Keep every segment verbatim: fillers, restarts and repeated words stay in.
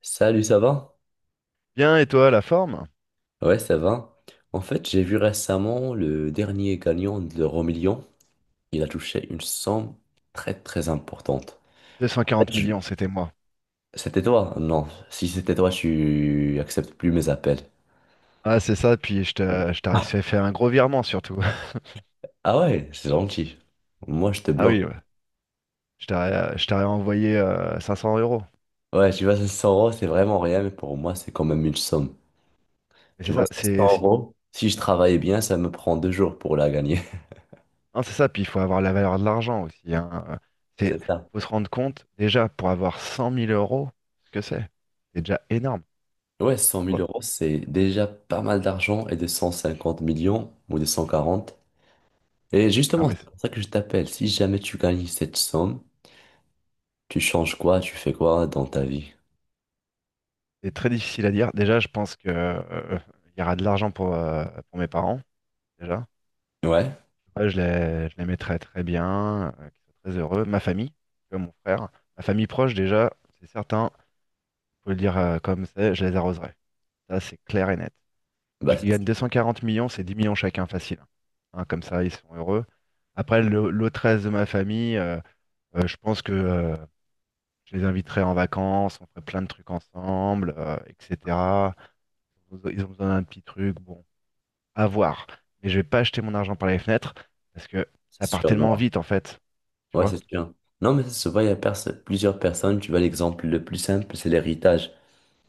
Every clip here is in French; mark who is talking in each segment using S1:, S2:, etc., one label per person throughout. S1: Salut, ça va?
S2: Bien, et toi, la forme?
S1: Ouais, ça va. En fait, j'ai vu récemment le dernier gagnant de l'euro million. Il a touché une somme très très importante. En fait,
S2: deux cent quarante
S1: je-
S2: millions, c'était moi.
S1: C'était toi? Non. Si c'était toi, tu acceptes plus mes appels.
S2: Ah, c'est ça, puis je t'a- je t'aurais
S1: Ah,
S2: fait faire un gros virement surtout.
S1: ah ouais, c'est gentil. Moi, je te
S2: Ah
S1: bloque.
S2: oui, ouais. Je t'aurais je t'aurais envoyé euh, cinq cents euros.
S1: Ouais, tu vois, cinq cents euros, c'est vraiment rien, mais pour moi, c'est quand même une somme.
S2: Mais
S1: Tu
S2: c'est
S1: vois,
S2: ça, c'est
S1: 500
S2: si-
S1: euros, si je travaille bien, ça me prend deux jours pour la gagner.
S2: non, c'est ça, puis il faut avoir la valeur de l'argent aussi. Hein. Euh, C'est,
S1: C'est ça.
S2: faut se rendre compte, déjà, pour avoir cent mille euros, ce que c'est. C'est déjà énorme,
S1: Ouais, cent
S2: tu
S1: mille
S2: vois.
S1: euros, c'est déjà pas mal d'argent et de cent cinquante millions ou de cent quarante. Et
S2: Non,
S1: justement,
S2: mais
S1: c'est pour ça que je t'appelle. Si jamais tu gagnes cette somme, tu changes quoi, tu fais quoi dans ta vie?
S2: c'est très difficile à dire. Déjà, je pense que, euh, il y aura de l'argent pour, euh, pour mes parents, déjà.
S1: Ouais,
S2: Ouais, je les, je les mettrais très bien, euh, qu'ils soient très heureux. Ma famille, comme mon frère, ma famille proche déjà, c'est certain, faut le dire euh, comme c'est, je les arroserai. Ça, c'est clair et net.
S1: bah
S2: Si je
S1: c'est
S2: gagne deux cent quarante millions, c'est dix millions chacun facile. Hein, comme ça, ils sont heureux. Après, le- l'autre reste de ma famille, euh, euh, je pense que euh, je les inviterai en vacances, on ferait plein de trucs ensemble, euh, et cetera. Ils ont besoin d'un petit truc, bon, à voir. Mais je vais pas acheter mon argent par les fenêtres parce que
S1: c'est
S2: ça part
S1: sûr,
S2: tellement
S1: non.
S2: vite en fait. Tu
S1: Ouais,
S2: vois.
S1: c'est sûr. Non, mais ça se voit, il y a perso- plusieurs personnes. Tu vois, l'exemple le plus simple, c'est l'héritage.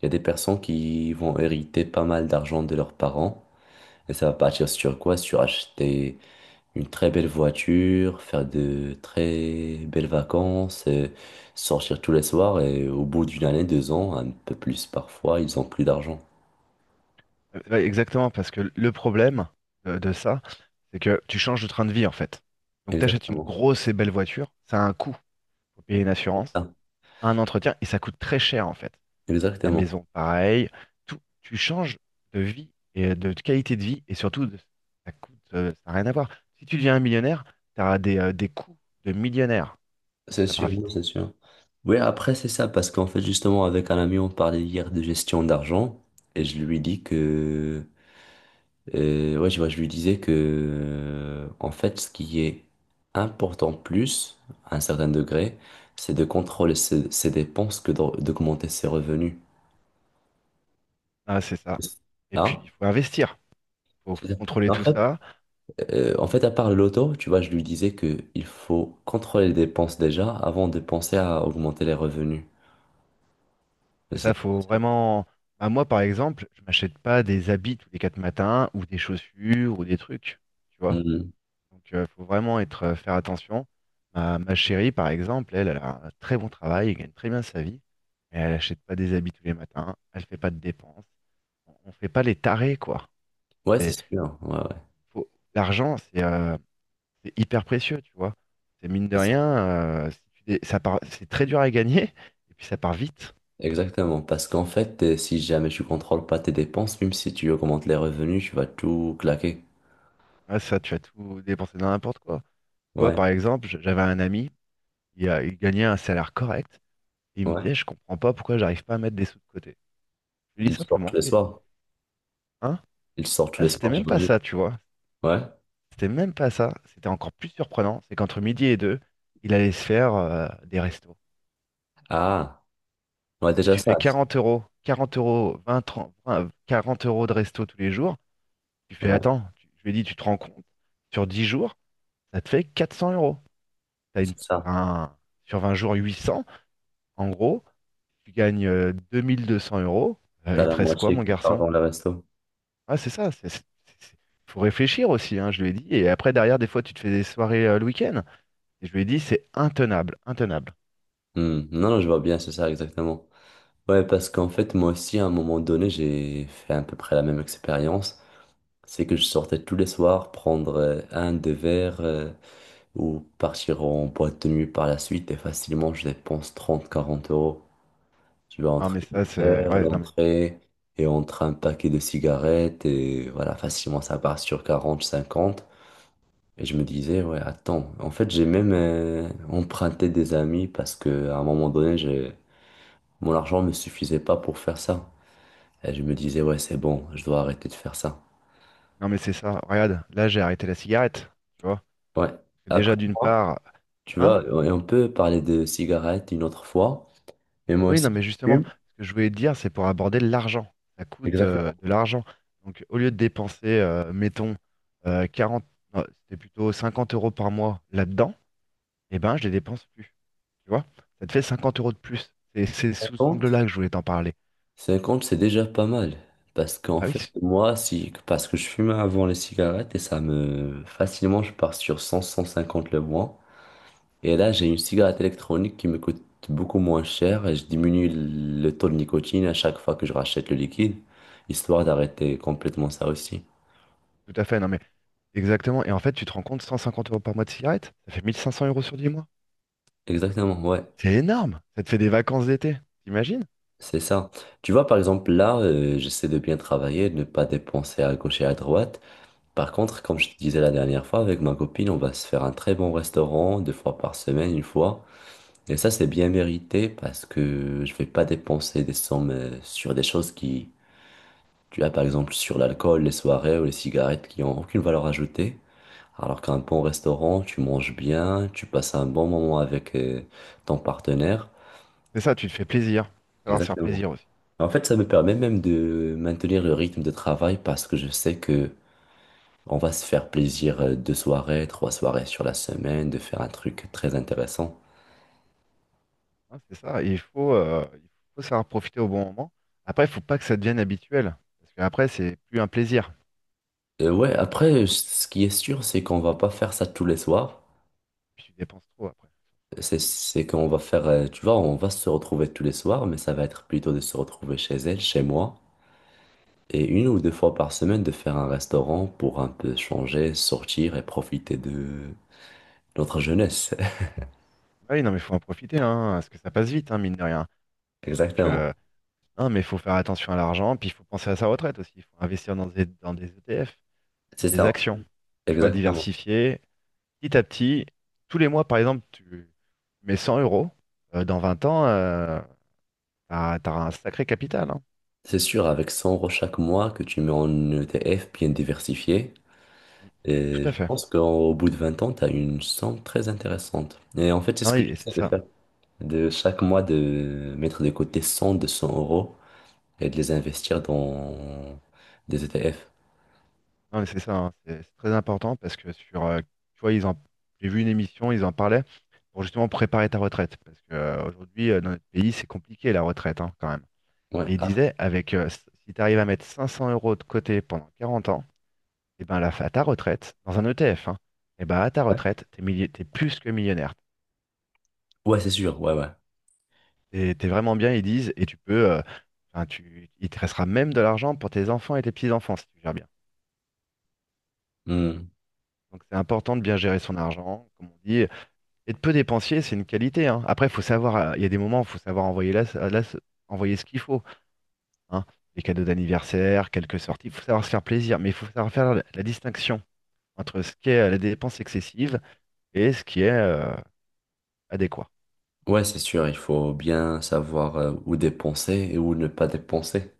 S1: Il y a des personnes qui vont hériter pas mal d'argent de leurs parents. Et ça va partir sur quoi? Sur acheter une très belle voiture, faire de très belles vacances, euh, sortir tous les soirs et au bout d'une année, deux ans, un peu plus parfois, ils ont plus d'argent.
S2: Euh, ouais, exactement, parce que le problème de, de ça, c'est que tu changes de train de vie en fait. Donc tu achètes une
S1: Exactement.
S2: grosse et belle voiture, ça a un coût. Faut payer une assurance,
S1: Ah,
S2: un entretien, et ça coûte très cher en fait. La
S1: exactement.
S2: maison, pareil. Tout, tu changes de vie et de qualité de vie, et surtout, de- ça coûte, euh, ça n'a rien à voir. Si tu deviens un millionnaire, tu as des, euh, des coûts de millionnaire. Donc
S1: C'est
S2: ça part
S1: sûr, non,
S2: vite.
S1: c'est sûr. Oui, après, c'est ça, parce qu'en fait, justement, avec un ami, on parlait hier de gestion d'argent, et je lui dis que Euh, ouais, je, vois, je lui disais que, euh, en fait, ce qui est important plus, à un certain degré, c'est de contrôler ses, ses dépenses que d'aug- d'augmenter ses revenus.
S2: Ah, c'est ça. Et puis,
S1: Hein?
S2: il faut investir, faut,
S1: C'est
S2: faut
S1: ça.
S2: contrôler
S1: En
S2: tout
S1: fait,
S2: ça.
S1: euh, en fait, à part le loto, tu vois, je lui disais que il faut contrôler les dépenses déjà avant de penser à augmenter les revenus.
S2: Et ça,
S1: C'est-
S2: faut vraiment. Bah, moi, par exemple, je m'achète pas des habits tous les quatre matins ou des chaussures ou des trucs, tu vois.
S1: Mhm.
S2: Donc, il faut vraiment être, euh, faire attention. Ma, ma chérie, par exemple, elle, elle a un très bon travail, elle gagne très bien sa vie, mais elle achète pas des habits tous les matins, elle fait pas de dépenses. On, on fait pas les tarés, quoi.
S1: Ouais, c'est
S2: C'est-
S1: sûr. Ouais, ouais.
S2: faut- L'argent, c'est euh, c'est hyper précieux, tu vois. C'est mine de
S1: C'est ça.
S2: rien, euh, si tu dé- ça part, c'est très dur à gagner et puis ça part vite.
S1: Exactement. Parce qu'en fait, euh, si jamais tu contrôles pas tes dépenses, même si tu augmentes les revenus, tu vas tout claquer.
S2: Ah, ça, tu as tout dépensé dans n'importe quoi. Tu vois,
S1: Ouais,
S2: par exemple, j- j'avais un ami, il, a- il gagnait un salaire correct, et il me
S1: ouais.
S2: disait, je comprends pas pourquoi j'arrive pas à mettre des sous de côté. Je lui dis
S1: Ils sortent
S2: simplement,
S1: le
S2: que-
S1: soir.
S2: hein?
S1: Ils sortent le
S2: Là, c'était
S1: soir,
S2: même pas
S1: j'imagine.
S2: ça, tu vois.
S1: Ouais.
S2: C'était même pas ça. C'était encore plus surprenant, c'est qu'entre midi et deux, il allait se faire euh, des restos.
S1: Ah, ouais,
S2: Et
S1: déjà
S2: tu
S1: ça.
S2: fais quarante euros, quarante euros, vingt trente vingt, quarante euros de resto tous les jours. Tu fais,
S1: Ouais,
S2: attends, tu- je lui ai dit, tu te rends compte, sur dix jours, ça te fait quatre cents euros. T'as une,
S1: c'est ça.
S2: un- sur vingt jours, huit cents. En gros, tu gagnes euh, deux mille deux cents euros. Euh,
S1: T'as
S2: il
S1: la
S2: te reste quoi,
S1: moitié
S2: mon
S1: qui part
S2: garçon?
S1: dans le resto.
S2: Ah, c'est ça. c'est- c'est- c'est- Faut réfléchir aussi, hein, je lui ai dit. Et après, derrière, des fois, tu te fais des soirées euh, le week-end. Et je lui ai dit, c'est intenable, intenable.
S1: Hmm. Non, non, je vois bien, c'est ça, exactement. Ouais, parce qu'en fait, moi aussi, à un moment donné, j'ai fait à peu près la même expérience. C'est que je sortais tous les soirs prendre euh, un, deux verres euh, ou partir en boîte de nuit par la suite et facilement, je dépense trente quarante euros. Tu vas
S2: Non,
S1: entre
S2: mais
S1: les
S2: ça, c'est.
S1: verres,
S2: Ouais, non, mais,
S1: l'entrée et entre un paquet de cigarettes et voilà, facilement ça part sur quarante cinquante. Et je me disais, ouais, attends. En fait, j'ai même euh, emprunté des amis parce que à un moment donné, j'ai- mon argent ne me suffisait pas pour faire ça. Et je me disais, ouais, c'est bon, je dois arrêter de faire ça.
S2: non, mais c'est ça. Regarde, là, j'ai arrêté la cigarette. Tu vois? Parce
S1: Ouais.
S2: que déjà,
S1: Après
S2: d'une
S1: moi,
S2: part.
S1: tu
S2: Hein?
S1: vois, et on peut parler de cigarettes une autre fois, mais moi
S2: Oui, non,
S1: aussi,
S2: mais
S1: je
S2: justement,
S1: fume.
S2: ce que je voulais te dire, c'est pour aborder l'argent. Ça coûte euh, de l'argent. Donc, au lieu de dépenser, euh, mettons, euh, quarante. Non, c'était plutôt cinquante euros par mois là-dedans, eh ben, je les dépense plus. Tu vois? Ça te fait cinquante euros de plus. Et c'est sous cet
S1: Exactement.
S2: angle-là que je voulais t'en parler.
S1: cinquante, c'est déjà pas mal. Parce qu'en
S2: Ah oui,
S1: fait,
S2: c'est-
S1: moi, si, parce que je fumais avant les cigarettes et ça me, facilement, je pars sur cent, cent cinquante le mois. Et là, j'ai une cigarette électronique qui me coûte beaucoup moins cher et je diminue le taux de nicotine à chaque fois que je rachète le liquide, histoire d'arrêter complètement ça aussi.
S2: tout à fait, non mais exactement. Et en fait, tu te rends compte, cent cinquante euros par mois de cigarette, ça fait mille cinq cents euros sur dix mois.
S1: Exactement, ouais,
S2: C'est énorme. Ça te fait des vacances d'été, t'imagines?
S1: c'est ça. Tu vois, par exemple, là, euh, j'essaie de bien travailler, de ne pas dépenser à gauche et à droite. Par contre, comme je te disais la dernière fois, avec ma copine, on va se faire un très bon restaurant deux fois par semaine, une fois. Et ça, c'est bien mérité parce que je vais pas dépenser des sommes euh, sur des choses qui, tu as par exemple sur l'alcool, les soirées ou les cigarettes qui ont aucune valeur ajoutée. Alors qu'un bon restaurant, tu manges bien, tu passes un bon moment avec euh, ton partenaire.
S2: C'est ça, tu te fais plaisir. Faut savoir se faire
S1: Exactement.
S2: plaisir aussi.
S1: En fait, ça me permet même de maintenir le rythme de travail parce que je sais que on va se faire plaisir euh, deux soirées, trois soirées sur la semaine, de faire un truc très intéressant.
S2: Hein, c'est ça. Et il faut, euh, il faut savoir profiter au bon moment. Après, il faut pas que ça devienne habituel. Parce qu'après, c'est plus un plaisir.
S1: Euh, ouais, après, ce qui est sûr, c'est qu'on va pas faire ça tous les soirs.
S2: Puis tu dépenses trop après.
S1: C'est, c'est qu'on va faire, euh, tu vois, on va se retrouver tous les soirs, mais ça va être plutôt de se retrouver chez elle, chez moi, et une ou deux fois par semaine de faire un restaurant pour un peu changer, sortir et profiter de notre jeunesse.
S2: Ah oui, non mais il faut en profiter, hein, parce que ça passe vite, hein, mine de rien. Donc,
S1: Exactement.
S2: euh, Non, mais il faut faire attention à l'argent, puis il faut penser à sa retraite aussi. Il faut investir dans des, dans des E T F, dans
S1: C'est
S2: des
S1: ça,
S2: actions. Tu vois,
S1: exactement.
S2: diversifier petit à petit. Tous les mois, par exemple, tu mets cent euros. Euh, dans vingt ans, euh, t'as, t'auras un sacré capital. Hein.
S1: C'est sûr, avec cent euros chaque mois que tu mets en E T F bien diversifié,
S2: Mm. Tout
S1: et
S2: à
S1: je
S2: fait.
S1: pense qu'au bout de vingt ans, tu as une somme très intéressante. Et en fait, c'est
S2: Non,
S1: ce
S2: oui,
S1: que
S2: et
S1: j'essaie
S2: c'est
S1: de
S2: ça.
S1: faire. De chaque mois, de mettre de côté cent, deux cents euros et de les investir dans des E T F.
S2: Non, mais c'est ça. Hein. C'est c'est très important parce que sur, euh, tu vois, ils en, j'ai vu une émission, ils en parlaient pour justement préparer ta retraite. Parce que euh, aujourd'hui, euh, dans notre pays, c'est compliqué la retraite hein, quand même.
S1: Ouais,
S2: Et il
S1: ah,
S2: disait, avec, euh, s- si tu arrives à mettre cinq cents euros de côté pendant quarante ans, et ben là, à ta retraite, dans un E T F, hein, et ben à ta
S1: ouais.
S2: retraite, t'es milli- t'es plus que millionnaire.
S1: Ouais, c'est sûr. Ouais, ouais.
S2: T'es, t'es vraiment bien, ils disent, et tu peux, euh, enfin, tu, il te restera même de l'argent pour tes enfants et tes petits-enfants si tu gères bien.
S1: Hmm.
S2: Donc c'est important de bien gérer son argent, comme on dit, et de peu dépensier, c'est une qualité. Hein. Après, faut savoir, euh, il y a des moments où il faut savoir envoyer, la- la- envoyer ce qu'il faut. Hein. Les cadeaux d'anniversaire, quelques sorties, il faut savoir se faire plaisir, mais il faut savoir faire la la distinction. Entre ce qui est euh, la dépense excessive et ce qui est euh, adéquat.
S1: Ouais, c'est sûr. Il faut bien savoir euh, où dépenser et où ne pas dépenser.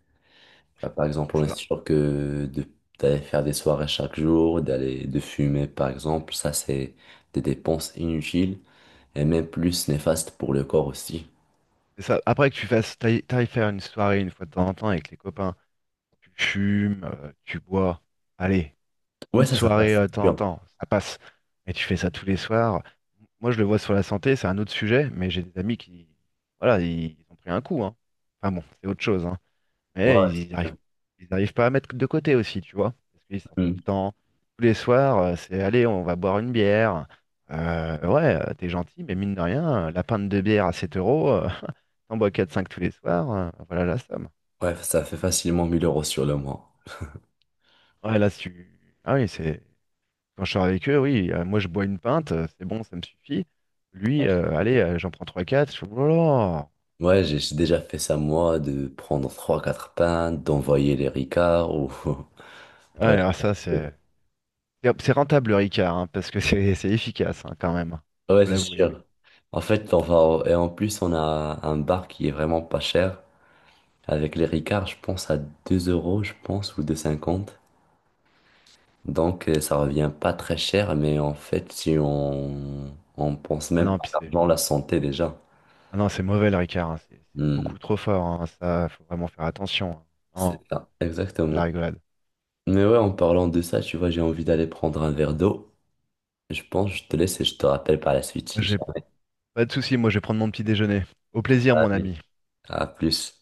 S1: Ah, par exemple,
S2: C'est
S1: on est
S2: ça.
S1: sûr que de- d'aller faire des soirées chaque jour, d'aller de fumer, par exemple, ça, c'est des dépenses inutiles. Et même plus néfaste pour le corps aussi.
S2: C'est ça. Après que tu fasses, t'ailles t'ailles faire une soirée une fois de temps en temps avec les copains, tu fumes, euh, tu bois, allez,
S1: Ouais,
S2: une
S1: ça, ça
S2: soirée
S1: passe.
S2: euh, de
S1: C'est
S2: temps en
S1: sûr.
S2: temps, ça passe. Mais tu fais ça tous les soirs. Moi, je le vois sur la santé, c'est un autre sujet, mais j'ai des amis qui, voilà, ils, ils ont pris un coup, hein. Enfin bon, c'est autre chose, hein.
S1: Ouais,
S2: Mais
S1: ouais,
S2: ils
S1: c'est
S2: arrivent,
S1: sûr.
S2: ils arrivent pas à mettre de côté aussi, tu vois. Parce qu'ils sortent tout
S1: Hmm.
S2: le temps, tous les soirs, euh, c'est allez, on va boire une bière. Euh, ouais, euh, t'es gentil, mais mine de rien, euh, la pinte de bière à sept euros, euh, t'en bois quatre cinq tous les soirs, euh, voilà la somme.
S1: Ouais, ça fait facilement mille euros sur le mois.
S2: Ouais, là, si tu... Ah oui, c'est... quand je sors avec eux, oui, euh, moi je bois une pinte, euh, c'est bon, ça me suffit. Lui, euh, allez, euh, j'en prends trois quatre je fais, oh là là.
S1: Ouais, j'ai j'ai déjà fait ça moi, de prendre trois quatre pains, d'envoyer les ricards ou...
S2: Ouais,
S1: Ouais,
S2: alors
S1: c'est
S2: ça,
S1: sûr.
S2: c'est... C'est c'est rentable le Ricard, hein, parce que c'est c'est efficace hein, quand même,
S1: Ouais,
S2: faut
S1: c'est
S2: l'avouer.
S1: sûr. En fait, on va... au- Et en plus, on a un bar qui est vraiment pas cher. Avec les ricards, je pense à deux euros, je pense, ou deux cinquante. Donc, euh, ça revient pas très cher, mais en fait, si on, on pense
S2: Ah
S1: même
S2: non,
S1: pas à
S2: puis c'est...
S1: l'argent, la santé déjà.
S2: Ah non, c'est mauvais le Ricard, hein. C'est c'est
S1: Hmm,
S2: beaucoup trop fort, hein. Ça, faut vraiment faire attention. Hein.
S1: c'est
S2: Non,
S1: ça,
S2: la
S1: exactement.
S2: rigolade.
S1: Mais ouais, en parlant de ça, tu vois, j'ai envie d'aller prendre un verre d'eau. Je pense que je te laisse et je te rappelle par la suite. Si j'ai
S2: J'ai
S1: un
S2: pas de souci, moi je vais prendre mon petit déjeuner. Au plaisir, mon ami.
S1: À plus.